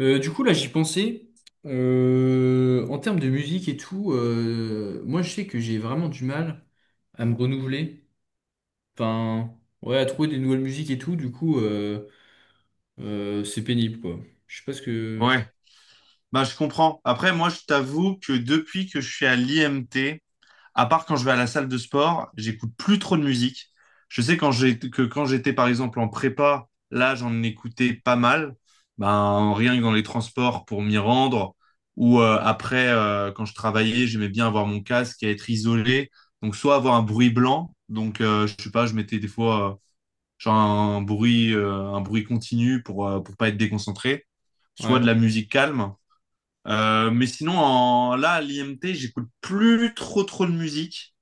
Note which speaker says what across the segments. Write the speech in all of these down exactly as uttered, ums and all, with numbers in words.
Speaker 1: Euh, du coup, là, j'y pensais. Euh, en termes de musique et tout, euh, moi, je sais que j'ai vraiment du mal à me renouveler. Enfin, ouais, à trouver des nouvelles musiques et tout. Du coup, euh, euh, c'est pénible, quoi. Je sais pas ce que.
Speaker 2: Ouais, bah je comprends. Après, moi, je t'avoue que depuis que je suis à l'I M T, à part quand je vais à la salle de sport, j'écoute plus trop de musique. Je sais quand j'ai que quand j'étais par exemple en prépa, là, j'en écoutais pas mal. Ben rien que dans les transports pour m'y rendre ou euh, après euh, quand je travaillais, j'aimais bien avoir mon casque et être isolé. Donc soit avoir un bruit blanc, donc euh, je sais pas, je mettais des fois euh, genre un bruit euh, un bruit continu pour euh, pour pas être déconcentré, soit de
Speaker 1: Ouais,
Speaker 2: la musique calme. Euh, mais sinon, en, là, à l'I M T, j'écoute plus trop trop de musique.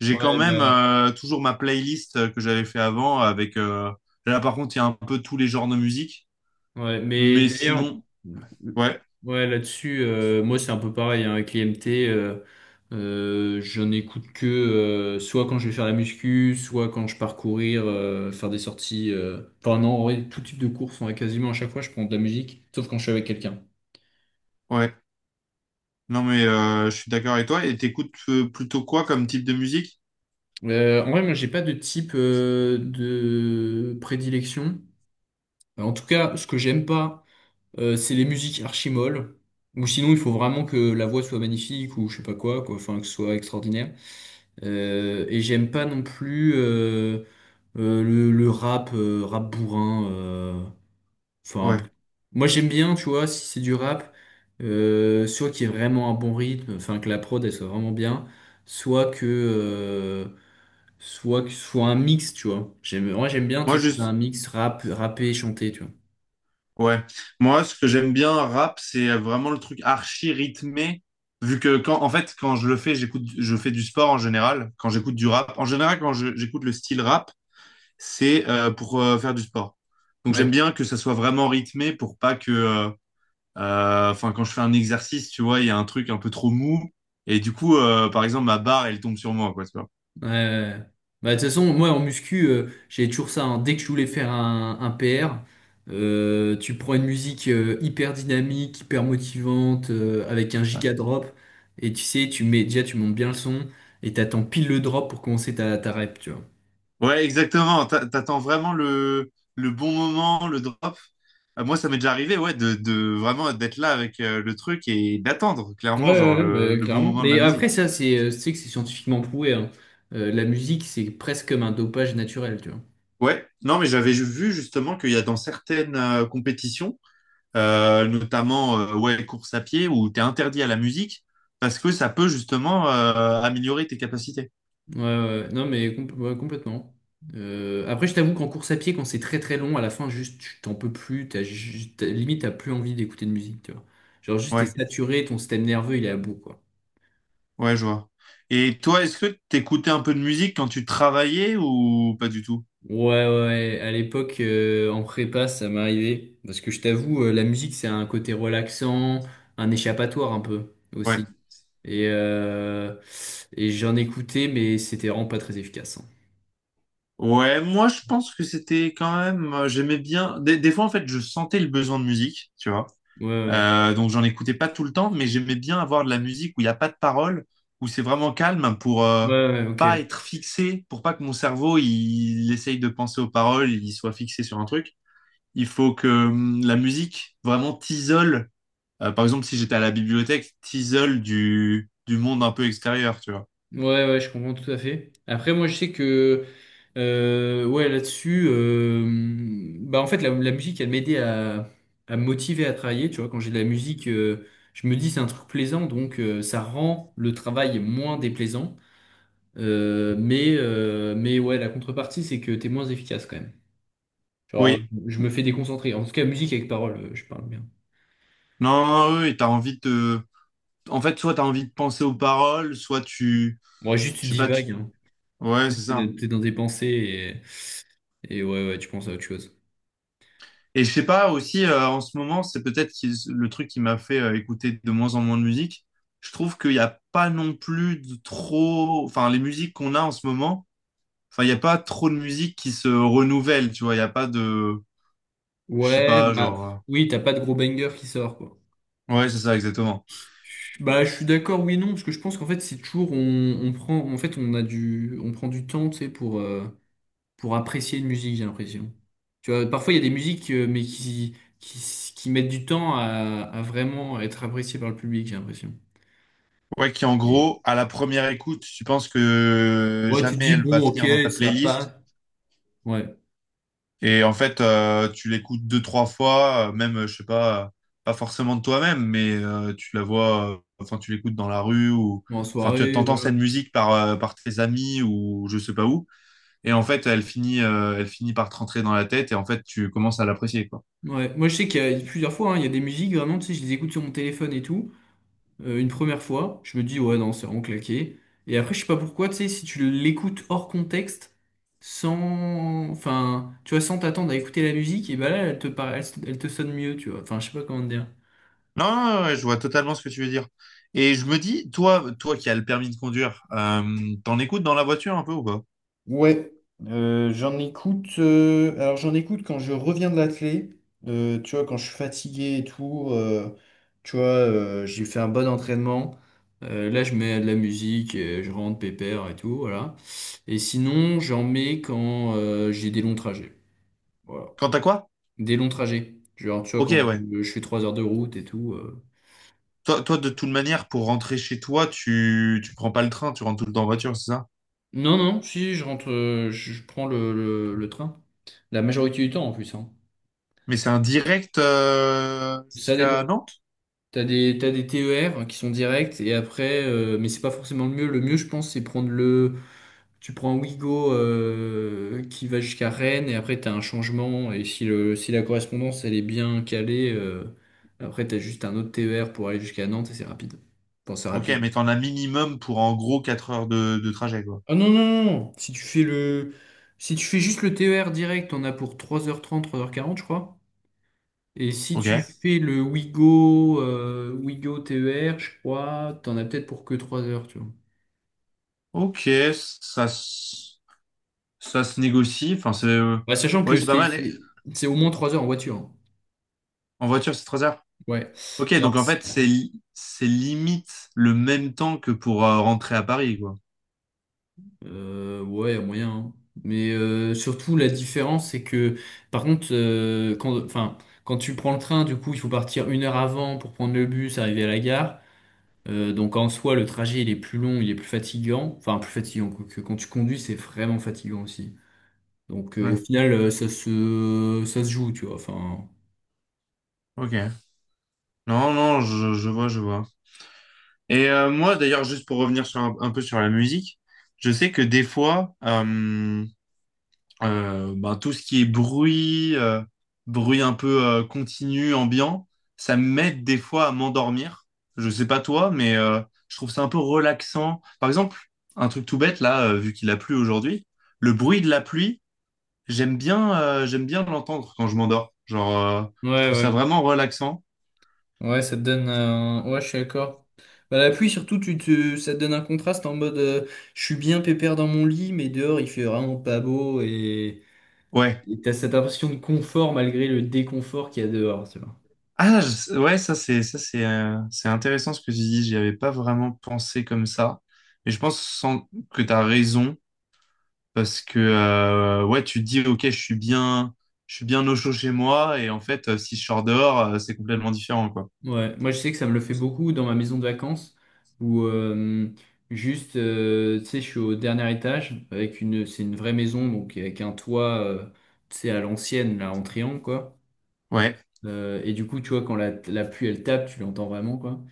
Speaker 2: J'ai quand
Speaker 1: ouais,
Speaker 2: même
Speaker 1: bah,
Speaker 2: euh, toujours ma playlist euh, que j'avais fait avant avec... euh, Là, par contre, il y a un peu tous les genres de musique.
Speaker 1: ouais. Mais
Speaker 2: Mais
Speaker 1: d'ailleurs.
Speaker 2: sinon, ouais,
Speaker 1: Ouais, là-dessus, euh, moi c'est un peu pareil hein, avec l'I M T. Euh, euh, j'en écoute que euh, soit quand je vais faire la muscu, soit quand je pars courir, euh, faire des sorties. euh. Enfin non, en vrai, tout type de course, en quasiment à chaque fois, je prends de la musique, sauf quand je suis avec quelqu'un.
Speaker 2: ouais. Non, mais euh, je suis d'accord avec toi. Et t'écoutes euh, plutôt quoi comme type de musique?
Speaker 1: Euh, en vrai, moi j'ai pas de type euh, de prédilection. En tout cas, ce que j'aime pas, euh, c'est les musiques archi molles. Ou sinon, il faut vraiment que la voix soit magnifique ou je sais pas quoi, quoi. Enfin, que ce soit extraordinaire. Euh, et j'aime pas non plus euh, euh, le, le rap, euh, rap bourrin. euh. Enfin,
Speaker 2: Ouais.
Speaker 1: moi j'aime bien, tu vois, si c'est du rap, euh, soit qu'il y ait vraiment un bon rythme, enfin que la prod elle soit vraiment bien, soit que, euh, soit que ce soit un mix, tu vois. J'aime, moi j'aime bien, tu
Speaker 2: Moi,
Speaker 1: sais, quand t'as un
Speaker 2: juste...
Speaker 1: mix rap, rappé et chanté, tu vois.
Speaker 2: Ouais. Moi, ce que j'aime bien, rap, c'est vraiment le truc archi rythmé. Vu que quand, en fait, quand je le fais, j'écoute, je fais du sport en général. Quand j'écoute du rap, en général, quand je- j'écoute le style rap, c'est euh, pour euh, faire du sport. Donc j'aime
Speaker 1: Ouais.
Speaker 2: bien que ça soit vraiment rythmé pour pas que, euh, euh, enfin quand je fais un exercice, tu vois, il y a un truc un peu trop mou et du coup, euh, par exemple, ma barre elle tombe sur moi, quoi, tu vois.
Speaker 1: Ouais, ouais. Ouais. Bah, de toute façon, moi en muscu, euh, j'avais toujours ça, hein. Dès que je voulais faire un, un P R, euh, tu prends une musique euh, hyper dynamique, hyper motivante, euh, avec un
Speaker 2: Ouais,
Speaker 1: giga drop, et tu sais, tu mets déjà, tu montes bien le son, et t'attends pile le drop pour commencer ta, ta rep, tu vois.
Speaker 2: Ouais, exactement. T'a- T'attends vraiment le le bon moment, le drop. Euh, moi, ça m'est déjà arrivé, ouais, de, de vraiment d'être là avec euh, le truc et d'attendre
Speaker 1: Ouais,
Speaker 2: clairement genre
Speaker 1: ouais,
Speaker 2: le
Speaker 1: ouais, bah,
Speaker 2: le bon
Speaker 1: clairement.
Speaker 2: moment de la
Speaker 1: Mais après,
Speaker 2: musique.
Speaker 1: ça, c'est, euh, tu sais que c'est scientifiquement prouvé, hein. Euh, la musique, c'est presque comme un dopage naturel, tu vois.
Speaker 2: Ouais, non, mais j'avais ju- vu justement qu'il y a dans certaines euh, compétitions euh, notamment euh, ouais, course à pied, où tu es interdit à la musique, parce que ça peut justement euh, améliorer tes capacités.
Speaker 1: Ouais, ouais. Ouais. Non, mais compl- ouais, complètement. Euh, après, je t'avoue qu'en course à pied, quand c'est très très long, à la fin, juste, tu t'en peux plus. T'as, juste- t'as- limite, t'as plus envie d'écouter de musique, tu vois. Genre, juste, t'es
Speaker 2: Ouais,
Speaker 1: saturé, ton système nerveux, il est à bout, quoi.
Speaker 2: ouais, je vois. Et toi, est-ce que t'écoutais un peu de musique quand tu travaillais ou pas du tout?
Speaker 1: Ouais, ouais, à l'époque, euh, en prépa, ça m'arrivait. Parce que je t'avoue, euh, la musique, c'est un côté relaxant, un échappatoire un peu
Speaker 2: Ouais.
Speaker 1: aussi. Et, euh, et j'en écoutais, mais c'était vraiment pas très efficace, hein.
Speaker 2: Ouais, moi je pense que c'était quand même, euh, j'aimais bien. Des, des fois en fait, je sentais le besoin de musique, tu vois.
Speaker 1: Ouais, ouais,
Speaker 2: Euh, donc j'en écoutais pas tout le temps, mais j'aimais bien avoir de la musique où il n'y a pas de paroles, où c'est vraiment calme pour euh,
Speaker 1: ouais, ouais,
Speaker 2: pas
Speaker 1: ok.
Speaker 2: être fixé, pour pas que mon cerveau il, il essaye de penser aux paroles, il soit fixé sur un truc. Il faut que hum, la musique vraiment t'isole. Euh, par exemple, si j'étais à la bibliothèque, t'isole du, du monde un peu extérieur, tu vois.
Speaker 1: Ouais, ouais, je comprends tout à fait. Après, moi, je sais que, euh, ouais, là-dessus, euh, bah, en fait, la, la musique, elle m'aidait à, à me motiver à travailler. Tu vois, quand j'ai de la musique, euh, je me dis, c'est un truc plaisant, donc euh, ça rend le travail moins déplaisant. Euh, mais, euh, mais ouais, la contrepartie, c'est que t'es moins efficace quand même. Genre,
Speaker 2: Oui.
Speaker 1: je me fais déconcentrer. En tout cas, musique avec parole, euh, je parle bien.
Speaker 2: Non, non, oui, oui, t'as envie de... En fait, soit t'as envie de penser aux paroles, soit tu...
Speaker 1: Moi, juste, tu
Speaker 2: Je sais pas, tu...
Speaker 1: divagues, hein.
Speaker 2: Ouais, c'est
Speaker 1: T'es
Speaker 2: ça.
Speaker 1: t'es dans tes pensées et, et ouais, ouais, tu penses à autre chose.
Speaker 2: Et je sais pas aussi euh, en ce moment, c'est peut-être qui- le truc qui m'a fait euh, écouter de moins en moins de musique. Je trouve qu'il n'y a pas non plus de trop, enfin les musiques qu'on a en ce moment, enfin il n'y a pas trop de musique qui se renouvelle, tu vois. Il n'y a pas de, je sais
Speaker 1: Ouais,
Speaker 2: pas,
Speaker 1: bah
Speaker 2: genre,
Speaker 1: oui, t'as pas de gros banger qui sort, quoi.
Speaker 2: euh, ouais c'est ça exactement.
Speaker 1: Bah, je suis d'accord, oui, non, parce que je pense qu'en fait, c'est toujours, on, on prend, en fait, on a du, on prend du temps, tu sais, pour, euh, pour apprécier une musique, j'ai l'impression. Tu vois, parfois, il y a des musiques, euh, mais qui, qui, s- qui mettent du temps à, à vraiment être appréciées par le public, j'ai l'impression.
Speaker 2: Ouais, qui en
Speaker 1: Et...
Speaker 2: gros à la première écoute, tu penses que
Speaker 1: Ouais, tu te
Speaker 2: jamais
Speaker 1: dis,
Speaker 2: elle va
Speaker 1: bon, ok,
Speaker 2: finir dans ta
Speaker 1: ça passe.
Speaker 2: playlist.
Speaker 1: Ouais,
Speaker 2: Et en fait, euh, tu l'écoutes deux, trois fois, euh, même, euh, je sais pas, euh, pas forcément de toi-même, mais euh, tu la vois, euh, enfin, tu l'écoutes dans la rue ou,
Speaker 1: bon, en
Speaker 2: enfin, tu
Speaker 1: soirée,
Speaker 2: entends
Speaker 1: voilà.
Speaker 2: cette musique par, euh, par tes amis ou je sais pas où. Et en fait, elle finit, euh, elle finit par te rentrer dans la tête et en fait, tu commences à l'apprécier, quoi.
Speaker 1: Ouais, moi, je sais qu'il y a plusieurs fois, hein, il y a des musiques, vraiment, tu sais, je les écoute sur mon téléphone et tout. Euh, une première fois, je me dis ouais non, c'est vraiment claqué. Et après, je sais pas pourquoi, tu sais, si tu l'écoutes hors contexte, sans, enfin, tu vois, sans t'attendre à écouter la musique, et bah là, elle te para- elle, elle te sonne mieux, tu vois. Enfin, je sais pas comment te dire.
Speaker 2: Non, non, non, ouais, je vois totalement ce que tu veux dire. Et je me dis, toi, toi qui as le permis de conduire, euh, t'en écoutes dans la voiture un peu ou pas?
Speaker 1: Ouais, euh, j'en écoute. Euh, alors j'en écoute quand je reviens de l'athlé, euh, tu vois, quand je suis fatigué et tout. Euh, tu vois, euh, j'ai fait un bon entraînement. Euh, là, je mets de la musique, euh, je rentre pépère et tout, voilà. Et sinon, j'en mets quand euh, j'ai des longs trajets. Voilà.
Speaker 2: Quant à quoi?
Speaker 1: Des longs trajets. Genre, tu vois,
Speaker 2: Ok,
Speaker 1: quand
Speaker 2: ouais.
Speaker 1: je, je fais trois heures de route et tout. euh.
Speaker 2: Toi, toi, de toute manière, pour rentrer chez toi, tu, tu prends pas le train, tu rentres tout le temps en voiture, c'est ça?
Speaker 1: Non, non, si, je rentre, euh, je, je prends le, le- le train. La majorité du temps, en plus, hein.
Speaker 2: Mais c'est un direct euh,
Speaker 1: Ça dépend.
Speaker 2: jusqu'à Nantes?
Speaker 1: T'as des, t'as des T E R qui sont directs et après, euh, mais c'est pas forcément le mieux. Le mieux, je pense, c'est prendre le. Tu prends Ouigo euh, qui va jusqu'à Rennes et après t'as un changement. Et si, le, si la correspondance elle est bien calée, euh, après t'as juste un autre T E R pour aller jusqu'à Nantes et c'est rapide. Enfin, c'est
Speaker 2: Ok,
Speaker 1: rapide.
Speaker 2: mais t'en as minimum pour en gros quatre heures de, de trajet, quoi.
Speaker 1: Ah non, non, non! Non. Si tu fais le. Si tu fais juste le T E R direct, on a pour trois heures trente trois heures quarante je crois. Et si tu
Speaker 2: Ok.
Speaker 1: fais le Ouigo, euh, Ouigo T E R, je crois, t'en as peut-être pour que trois heures, tu vois.
Speaker 2: Ok, ça, se- ça se négocie. Enfin, c'est euh,
Speaker 1: Ouais, sachant
Speaker 2: ouais,
Speaker 1: que
Speaker 2: c'est pas
Speaker 1: c'est
Speaker 2: mal. Et.
Speaker 1: c'est- c'est au moins trois heures en voiture, hein.
Speaker 2: En voiture, c'est trois heures.
Speaker 1: Ouais.
Speaker 2: Ok,
Speaker 1: Alors,
Speaker 2: donc en
Speaker 1: c'est-
Speaker 2: fait, c'est li- c'est limite le même temps que pour euh, rentrer à Paris, quoi.
Speaker 1: euh, ouais, moyen, hein. Mais euh, surtout, la différence, c'est que, par contre, euh, quand, enfin, quand tu prends le train, du coup, il faut partir une heure avant pour prendre le bus, arriver à la gare. Euh, donc, en soi, le trajet, il est plus long, il est plus fatigant. Enfin, plus fatigant, quoique quand tu conduis, c'est vraiment fatigant aussi. Donc, euh, au
Speaker 2: Ouais.
Speaker 1: final, euh, ça se, ça se joue, tu vois. Enfin,
Speaker 2: Ok. Non, non, je, je vois, je vois. Et euh, moi, d'ailleurs, juste pour revenir sur un, un peu sur la musique, je sais que des fois, euh, Euh, ben, tout ce qui est bruit, euh, bruit un peu euh, continu, ambiant, ça m'aide des fois à m'endormir. Je sais pas toi, mais euh, je trouve ça un peu relaxant. Par exemple, un truc tout bête là, euh, vu qu'il a plu aujourd'hui, le bruit de la pluie, j'aime bien, euh, j'aime bien l'entendre quand je m'endors. Genre, euh,
Speaker 1: ouais,
Speaker 2: je trouve ça
Speaker 1: ouais.
Speaker 2: vraiment relaxant.
Speaker 1: Ouais, ça te donne un... Ouais, je suis d'accord. Bah, la pluie, surtout, tu te... ça te donne un contraste en mode, euh, je suis bien pépère dans mon lit, mais dehors, il fait vraiment pas beau et
Speaker 2: Ouais.
Speaker 1: et t'as cette impression de confort malgré le déconfort qu'il y a dehors, tu vois.
Speaker 2: Ah, je- ouais, ça c'est, ça c'est, euh, c'est intéressant ce que tu dis. J'y avais pas vraiment pensé comme ça, mais je pense sans- que tu as raison. Parce que euh, ouais, tu te dis ok, je suis bien, je suis bien au chaud chez moi et en fait, euh, si je sors dehors, euh, c'est complètement différent quoi.
Speaker 1: Ouais, moi, je sais que ça me le fait beaucoup dans ma maison de vacances où euh, juste, euh, tu sais, je suis au dernier étage avec une... C'est une vraie maison, donc avec un toit, euh, tu sais, à l'ancienne, là, en triangle, quoi.
Speaker 2: Ouais,
Speaker 1: Euh, et du coup, tu vois, quand la, la pluie, elle tape, tu l'entends vraiment, quoi.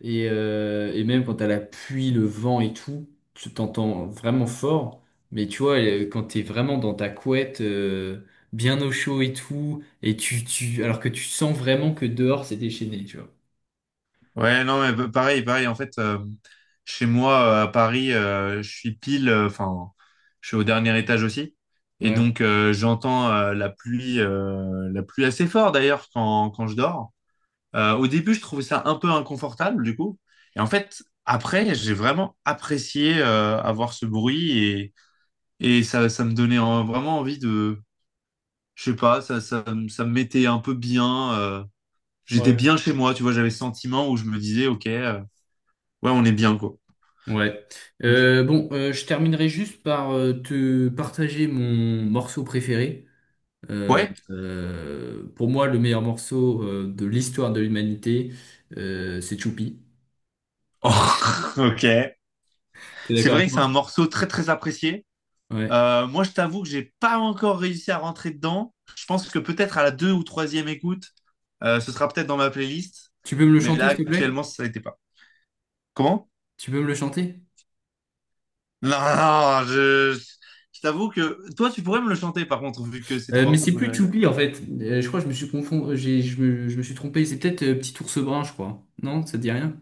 Speaker 1: Et, euh, et même quand t'as la pluie, le vent et tout, tu t'entends vraiment fort. Mais tu vois, euh, quand t'es vraiment dans ta couette, euh, bien au chaud et tout, et tu, tu, alors que tu sens vraiment que dehors c'est déchaîné, tu vois.
Speaker 2: ouais, non mais bah, pareil, pareil. En fait, euh, chez moi euh, à Paris, euh, je suis pile, euh, enfin, je suis au dernier étage aussi et
Speaker 1: Ouais,
Speaker 2: donc euh, j'entends euh, la pluie, euh, la pluie assez fort d'ailleurs quand quand je dors. Euh, au début, je trouvais ça un peu inconfortable du coup et en fait. Après, j'ai vraiment apprécié euh, avoir ce bruit. Et ça, ça me donnait en- vraiment envie de, je sais pas, ça, ça, me- ça me mettait un peu bien. euh, j'étais
Speaker 1: ouais.
Speaker 2: bien chez moi, tu vois, j'avais ce sentiment où je me disais, ok, euh, ouais, on est bien, quoi.
Speaker 1: Ouais.
Speaker 2: Hmm.
Speaker 1: Euh, bon, euh, je terminerai juste par euh, te partager mon morceau préféré. Euh,
Speaker 2: Ouais.
Speaker 1: euh, pour moi, le meilleur morceau euh, de l'histoire de l'humanité, euh, c'est Choupi.
Speaker 2: Oh, ok.
Speaker 1: T'es
Speaker 2: C'est
Speaker 1: d'accord avec
Speaker 2: vrai que c'est un
Speaker 1: moi?
Speaker 2: morceau très, très apprécié.
Speaker 1: Ouais.
Speaker 2: Euh, moi, je t'avoue que j'ai pas encore réussi à rentrer dedans. Je pense que peut-être à la deux ou troisième écoute, euh, ce sera peut-être dans ma playlist.
Speaker 1: Tu peux me le
Speaker 2: Mais là,
Speaker 1: chanter, s'il te plaît?
Speaker 2: actuellement, ça n'était pas. Comment?
Speaker 1: Tu peux me le chanter?
Speaker 2: Non, non, je, je t'avoue que toi, tu pourrais me le chanter, par contre, vu que c'est ton
Speaker 1: Euh, mais
Speaker 2: morceau
Speaker 1: c'est plus
Speaker 2: préféré.
Speaker 1: Tchoupi en fait. Euh, je crois que je me suis confond... euh, j'ai- je me, je me suis trompé. C'est peut-être euh, Petit ours brun, je crois. Non, ça te dit rien?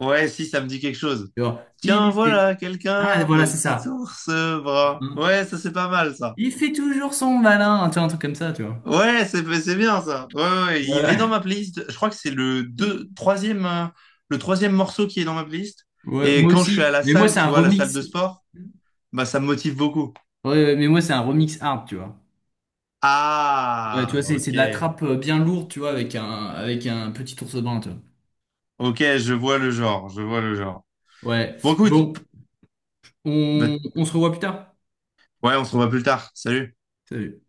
Speaker 2: Ouais, si, ça me dit quelque chose.
Speaker 1: Genre, il
Speaker 2: Tiens,
Speaker 1: était.
Speaker 2: voilà,
Speaker 1: Ah,
Speaker 2: quelqu'un,
Speaker 1: voilà, c'est
Speaker 2: petit
Speaker 1: ça.
Speaker 2: ours brun.
Speaker 1: Hein.
Speaker 2: Ouais, ça c'est pas mal ça.
Speaker 1: Il fait toujours son malin, tu vois, un truc comme ça, tu vois.
Speaker 2: Ouais, c'est c'est bien ça. Ouais, ouais, ouais, il est
Speaker 1: Voilà.
Speaker 2: dans ma playlist. Je crois que c'est le deux, troisième, euh, le troisième morceau qui est dans ma playlist.
Speaker 1: Ouais,
Speaker 2: Et
Speaker 1: moi
Speaker 2: quand je suis à
Speaker 1: aussi.
Speaker 2: la
Speaker 1: Mais moi,
Speaker 2: salle,
Speaker 1: c'est
Speaker 2: tu
Speaker 1: un
Speaker 2: vois, la salle
Speaker 1: remix.
Speaker 2: de sport, bah ça me motive beaucoup.
Speaker 1: Ouais, ouais, mais moi, c'est un remix hard, tu vois. Ouais, tu
Speaker 2: Ah,
Speaker 1: vois, c'est c'est
Speaker 2: ok.
Speaker 1: de la trappe, euh, bien lourde, tu vois, avec un, avec un petit ours brun, tu vois.
Speaker 2: Ok, je vois le genre, je vois le genre.
Speaker 1: Ouais.
Speaker 2: Bon, écoute,
Speaker 1: Bon,
Speaker 2: bah,
Speaker 1: on, on se revoit plus tard.
Speaker 2: ouais, on se revoit plus tard. Salut.
Speaker 1: Salut.